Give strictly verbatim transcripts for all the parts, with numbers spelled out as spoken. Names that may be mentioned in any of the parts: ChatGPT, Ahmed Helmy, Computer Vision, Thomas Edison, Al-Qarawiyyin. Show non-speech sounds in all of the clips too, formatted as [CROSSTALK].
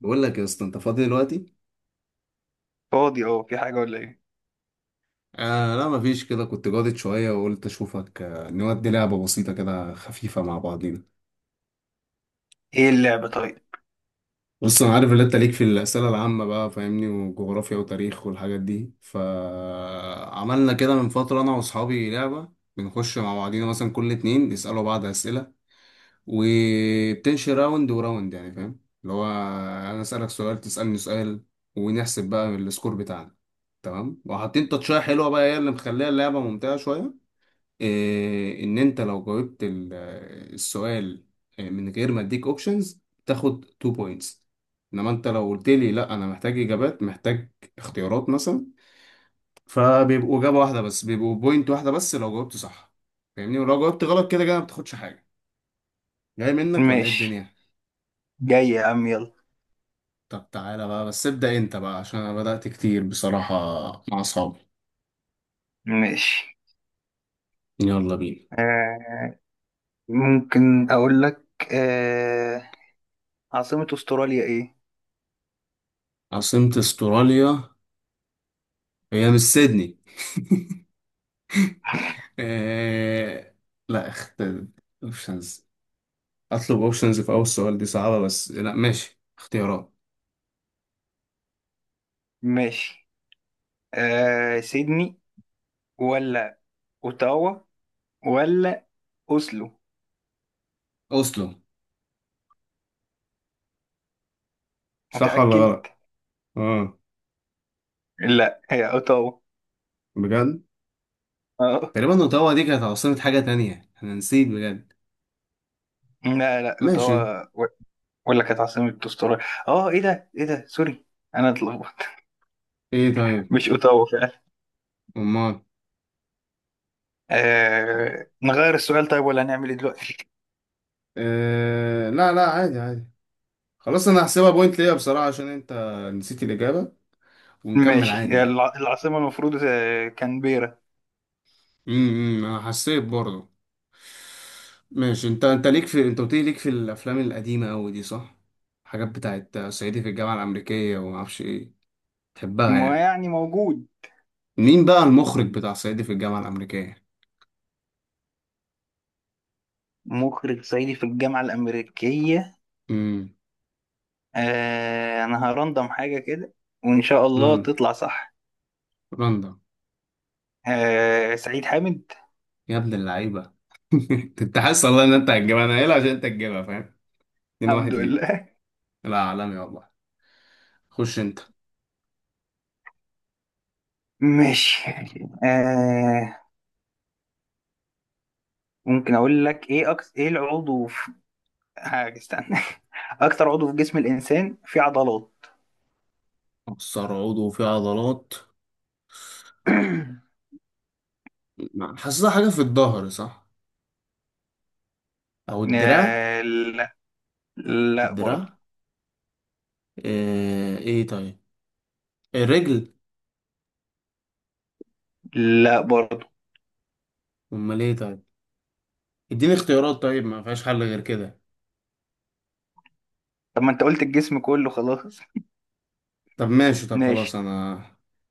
بقول لك يا اسطى، انت فاضي دلوقتي؟ فاضي، اه، في حاجة ولا ايه؟ آه لا، مفيش كده. كنت جادد شويه وقلت اشوفك. آه نودي لعبه بسيطه كده خفيفه مع بعضينا. ايه اللعبة طيب؟ بص، انا عارف ان انت ليك في الاسئله العامه بقى، فاهمني، وجغرافيا وتاريخ والحاجات دي، فعملنا كده من فتره انا واصحابي لعبه. بنخش مع بعضينا، مثلا كل اتنين يسالوا بعض اسئله وبتمشي راوند وراوند، يعني فاهم اللي هو انا اسالك سؤال تسالني سؤال، ونحسب بقى السكور بتاعنا. تمام؟ وحاطين تاتشاية حلوه بقى هي اللي مخليها اللعبه ممتعه شويه. إيه، ان انت لو جاوبت ال- السؤال، آه، من غير ما اديك اوبشنز، تاخد اتنين بوينتس. انما انت لو قلت لي لا، انا محتاج اجابات، محتاج اختيارات مثلا، فبيبقوا اجابه واحده، بس بيبقوا بوينت واحده بس لو جاوبت صح، فاهمني؟ ولو جاوبت غلط كده كده ما بتاخدش حاجه. جاي منك ولا ايه ماشي. الدنيا؟ جاي يا عم، يلا. طب تعالى بقى، بس ابدا انت بقى عشان انا بدات كتير بصراحه مع اصحابي. ماشي. يلا بينا. آه. ممكن اقول لك. آه. عاصمة استراليا ايه؟ عاصمه استراليا. هي مش سيدني؟ [LAUGHS] إيه... لا اخت. اوبشنز، اطلب اوبشنز في اول سؤال، دي صعبة، بس لا ماشي، اختيارات. ماشي. آه، سيدني ولا اوتاوا ولا اوسلو؟ اوسلو. صح ولا متأكد؟ غلط؟ اه. لا، هي اوتاوا. بجد؟ اه، تقريبا اوتاوا دي كانت عاصمة حاجة تانية انا نسيت بجد. لا لا، ماشي. اوتاوا و- ولا كانت عاصمة استراليا. اه، ايه ده ايه ده. سوري، انا اتلخبطت. ايه طيب. مش اوتاوا فعلا. امال؟ آه نغير السؤال طيب، ولا هنعمل ايه دلوقتي؟ آه، لا لا، عادي عادي، خلاص. انا هحسبها بوينت ليا بصراحة عشان انت نسيت الاجابة، ونكمل ماشي. عادي هي يعني. الع- العاصمة المفروض، آه، كانبيرا. امم، انا حسيت برضه. ماشي. انت انت ليك في انت قلت لي ليك في الافلام القديمة قوي دي، صح؟ حاجات بتاعت صعيدي في الجامعة الامريكية وما اعرفش ايه، تحبها ما يعني. يعني موجود. مين بقى المخرج بتاع صعيدي في الجامعة الأمريكية؟ مخرج صعيدي في الجامعة الأمريكية. امم. آه أنا هرندم حاجة كده، وإن شاء الله رندا، تطلع صح. رندا. آه، سعيد حامد. يا ابن اللعيبة. [LAUGHS] انت حاسس والله ان انت هتجيبها، انا قايلها عشان انت هتجيبها، فاهم؟ اتنين واحد الحمد ليك. لله. لا، عالمي والله. خش انت. [LAUGHS] ماشي. آه. ممكن أقول لك إيه أكس إيه العضو في... حاجة، استنى. [LAUGHS] أكتر عضو في جسم الإنسان فيه عضلات. مكسر عضو فيه عضلات. [CLEARS THROAT] ما- حاسسها حاجة في الظهر، صح؟ أو الدراع. آه، لا. لا برضه. الدراع. ايه, ايه طيب؟ الرجل. لا برضه. أمال ايه طيب؟ اديني اختيارات طيب، ما فيهاش حل غير كده. طب ما أنت قلت الجسم كله خلاص. [LAUGHS] طب ماشي، طب خلاص، ماشي. أنا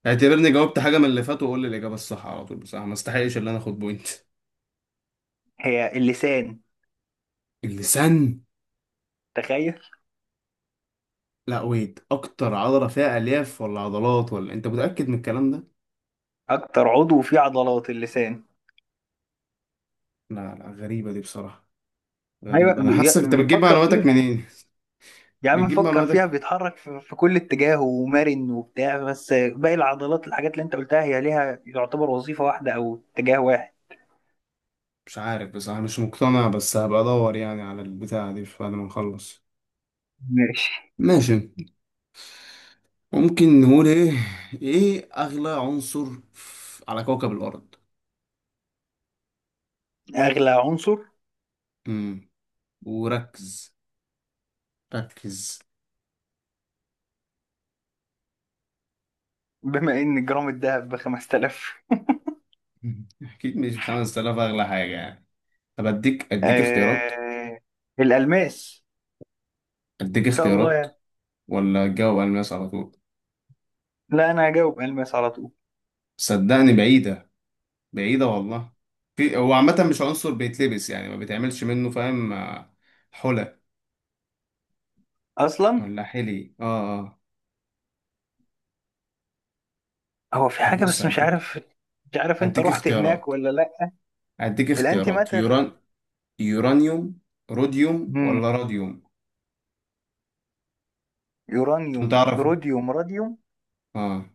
اعتبرني جاوبت حاجة من اللي فات وقول لي الإجابة الصح على طول بصراحة، ما استحقش اللي أنا آخد بوينت. هي اللسان. اللسان؟ تخيل. لا ويت، اكتر عضله فيها الياف ولا عضلات، ولا انت متاكد من الكلام ده؟ اكتر عضو فيه عضلات اللسان. لا لا، غريبه دي بصراحه. ايوه، غريبه، انا بي- حاسس انت بتجيب بيفكر معلوماتك فيها. منين، يا عم بتجيب فكر فيها، معلوماتك. بيتحرك في في كل اتجاه، ومرن وبتاع، بس باقي العضلات، الحاجات اللي انت قلتها، هي ليها يعتبر وظيفة واحدة او اتجاه واحد. مش عارف بصراحه، مش مقتنع، بس هبقى ادور يعني على البتاعه دي بعد ما نخلص. ماشي. ماشي. ممكن نقول ايه، ايه اغلى عنصر في- على كوكب الارض. اغلى عنصر. امم. وركز، ركز. بما ان جرام الذهب ب خمستلاف... [LAUGHS] اكيد مش خمسة آلاف اغلى حاجه يعني. طب اديك اديك اختيارات، آه... الالماس. اديك ان شاء الله اختيارات. يعني. ولا الجواب الماس على طول. لا، انا هجاوب الماس على طول. صدقني بعيدة، بعيدة والله. في، هو عامة مش عنصر بيتلبس، يعني ما بيتعملش منه، فاهم آه، حلى، اصلا ولا حلي، اه اه. هو في طب حاجة بص بس مش هديك، عارف. مش عارف انت هديك رحت هناك اختيارات، ولا لا. هديك الانتي اختيارات ماتر. يوران يورانيوم، روديوم ولا راديوم. عشان يورانيوم، تعرف. روديوم، راديوم. اه.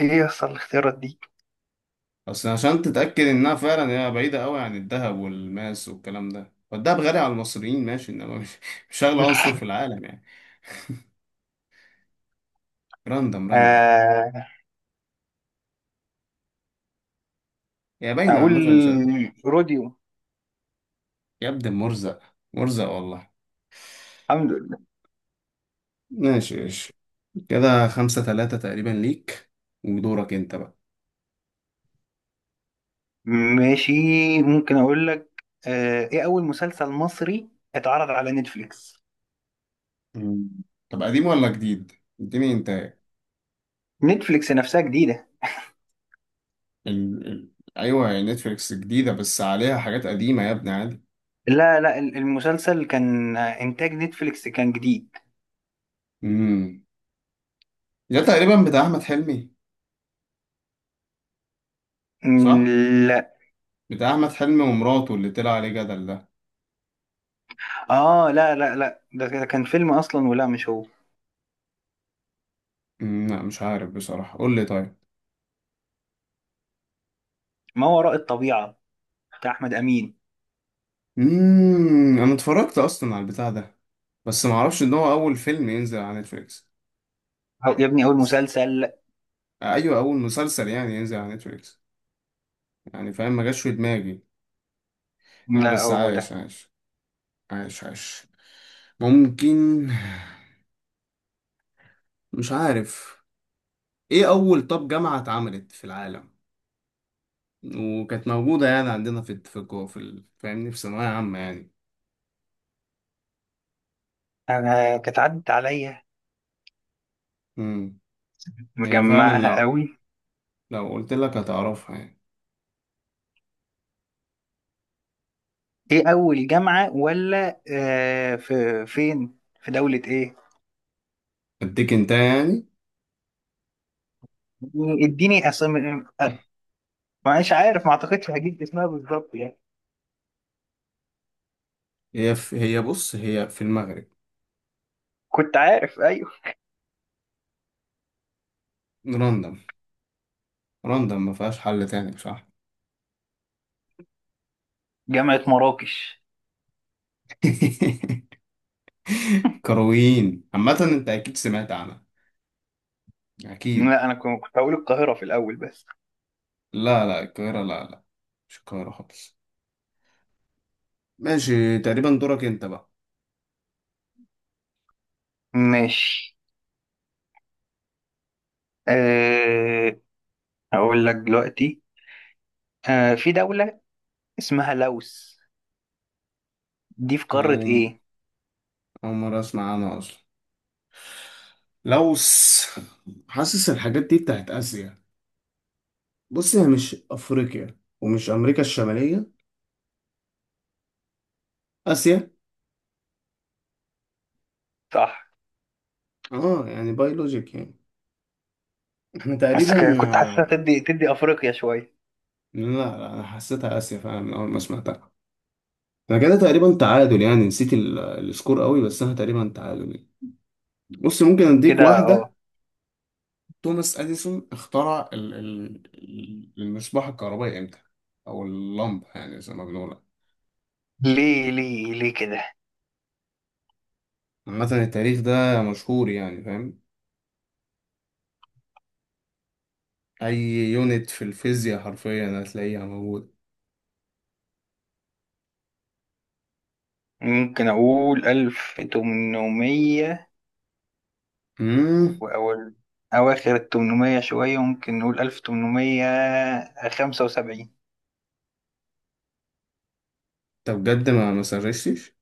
ايه يصل الاختيارات دي؟ بس عشان تتأكد انها فعلا هي بعيدة قوي عن الذهب والماس والكلام ده، والدهب غالي على المصريين ماشي، انما مش مش اغلى عنصر في العالم يعني. راندم راندم. آه. هي باينة، اقول... عامة مش عارف. روديوم. يا ابن مرزق، مرزق والله. الحمد لله. ماشي ماشي. كده خمسة تلاتة تقريبا ليك، ودورك انت بقى. ماشي. ممكن اقول لك، آه ايه اول مسلسل مصري اتعرض على نتفليكس؟ مم. طب قديم ولا جديد؟ اديني انت. نتفليكس نفسها جديدة. ال... ال... ايوه هي نتفليكس جديدة، بس عليها حاجات قديمة يا ابني، عادي. لا لا، ال- المسلسل كان، آه، انتاج نتفليكس، كان جديد. امم. ده تقريبا بتاع احمد حلمي، مم. صح؟ لا. بتاع احمد حلمي ومراته اللي طلع عليه جدل ده. اه، لا لا لا، ده ده كان فيلم اصلا، ولا مش هو؟ مم، لا، مش عارف بصراحة، قول لي طيب. ما وراء الطبيعة. بتاع احمد امين. امم، انا اتفرجت اصلا على البتاع ده، بس معرفش ان هو اول فيلم ينزل على نتفليكس. هو- يا ابني، اول مسلسل. ايوه، اول مسلسل يعني ينزل على نتفليكس، يعني فاهم، ما جاش في دماغي. لا لا، بس، هو عايش ده. عايش، عايش عايش. ممكن، مش عارف. ايه اول، طب جامعة اتعملت في العالم وكانت موجودة يعني عندنا في في الجو- في ال- فاهمني، في ثانوية عامة يعني؟ انا كانت عدت عليا. امم. هي فعلا مجمعها لو قوي. لو قلت لك هتعرفها يعني. ايه اول جامعة، ولا، آه، في فين، في دولة ايه؟ اديك انت يعني. اديني اسم. مش عارف، ما اعتقدش هجيب اسمها بالظبط يعني. هي في هي بص، هي في المغرب. كنت عارف، ايوه. راندم، راندم، ما فيهاش حل تاني بصراحة. جامعة مراكش. [LAUGHS] كرويين عامة، انت اكيد سمعت عنها. أكيد. لا، انا كن- كنت هقول القاهرة في الاول بس. لا لا، القاهرة، لا لا، مش القاهرة خالص. ماشي، تقريبا دورك أنت بقى. ماشي. آه هقول لك دلوقتي. آه في دولة اسمها لوس، دي في أنا قارة أول ايه؟ أول مرة أسمع عنها أصلا. لوس. حاسس الحاجات دي بتاعت آسيا. بص هي مش أفريقيا ومش أمريكا الشمالية. آسيا. صح. أه، يعني بايولوجيك يعني. إحنا بس تقريبا ك- كنت حاسسها آه، تدي تدي افريقيا شوية. لا لا، أنا حسيتها آسيا فعلا من أول ما سمعتها. أنا كده تقريبا تعادل يعني، نسيت ال- السكور قوي، بس أنا تقريبا تعادل. بص ممكن أديك كده، واحدة. اه. توماس اديسون اخترع ال- ال- المصباح الكهربائي امتى، او اللمبه يعني زي ما بنقولها؟ ليه ليه ليه كده؟ عامه التاريخ ده مشهور يعني، فاهم؟ اي يونت في الفيزياء حرفيا هتلاقيها موجوده. ممكن أقول ألف تمنمية. امم. وأول أواخر التمنمية شوية، ممكن نقول ألف تمنمية خمسة وسبعين. انت بجد ما ما سرشتش؟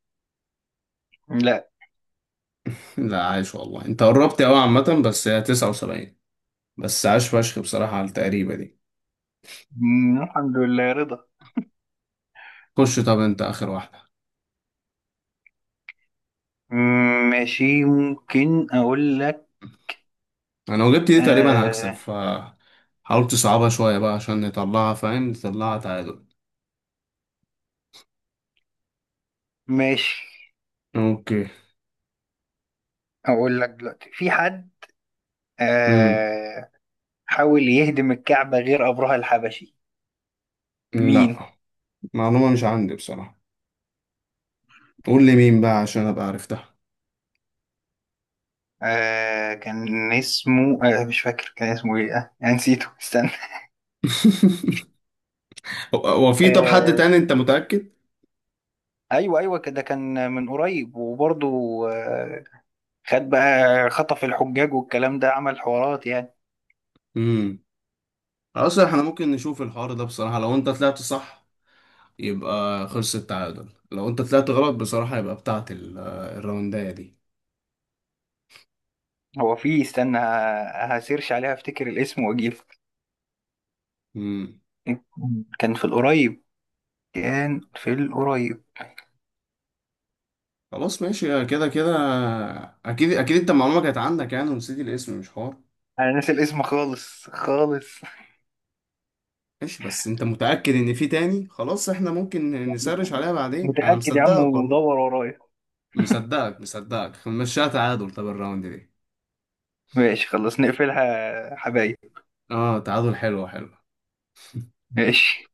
لا. [LAUGHS] لا، عايش والله، انت قربت قوي عامه، بس هي تسعة وسبعين. بس عاش فشخ بصراحه على التقريبه دي. مم، الحمد لله رضا. خش، طب انت اخر واحده. مم، ماشي. ممكن أقول لك. انا لو جبت دي تقريبا هكسب، آه. ف حاولت تصعبها شويه بقى عشان نطلعها، فاهم، نطلعها تعادل. ماشي. اوكي. أقول لك دلوقتي، في حد، امم. آه حاول يهدم الكعبة غير أبرهة الحبشي؟ مين؟ لا، معلومة مش عندي بصراحة، قول لي مين بقى عشان ابقى عرفتها. آه كان اسمه، آه مش فاكر كان اسمه إيه، آه أنا نسيته، استنى. [LAUGHS] هو هو في طب حد آه تاني، انت متأكد؟ ايوه ايوه، كده كان من قريب وبرضه، آه، خد بقى خطف الحجاج والكلام ده، عمل حوارات يعني. امم. اصل احنا ممكن نشوف الحوار ده بصراحة، لو انت طلعت صح يبقى خلص التعادل، لو انت طلعت غلط بصراحة يبقى بتاعت ال- الراونداية دي. هو في، استنى، ه- هسيرش عليها، افتكر الاسم واجيب. امم. كان في القريب. كان في القريب. خلاص ماشي كده كده، اكيد اكيد انت المعلومة كانت عندك يعني، ونسيت الاسم، مش حوار. انا ناسي الاسم خالص خالص. ماشي، بس انت متأكد ان في تاني؟ خلاص احنا ممكن نسرش عليها بعدين، انا متأكد يا عم، مصدقك والله، ودور ورايا. مصدقك مصدقك، مشيها تعادل طب الراوند دي. ماشي خلاص، نقفلها حبايب. اه، تعادل، حلو حلو. ماشي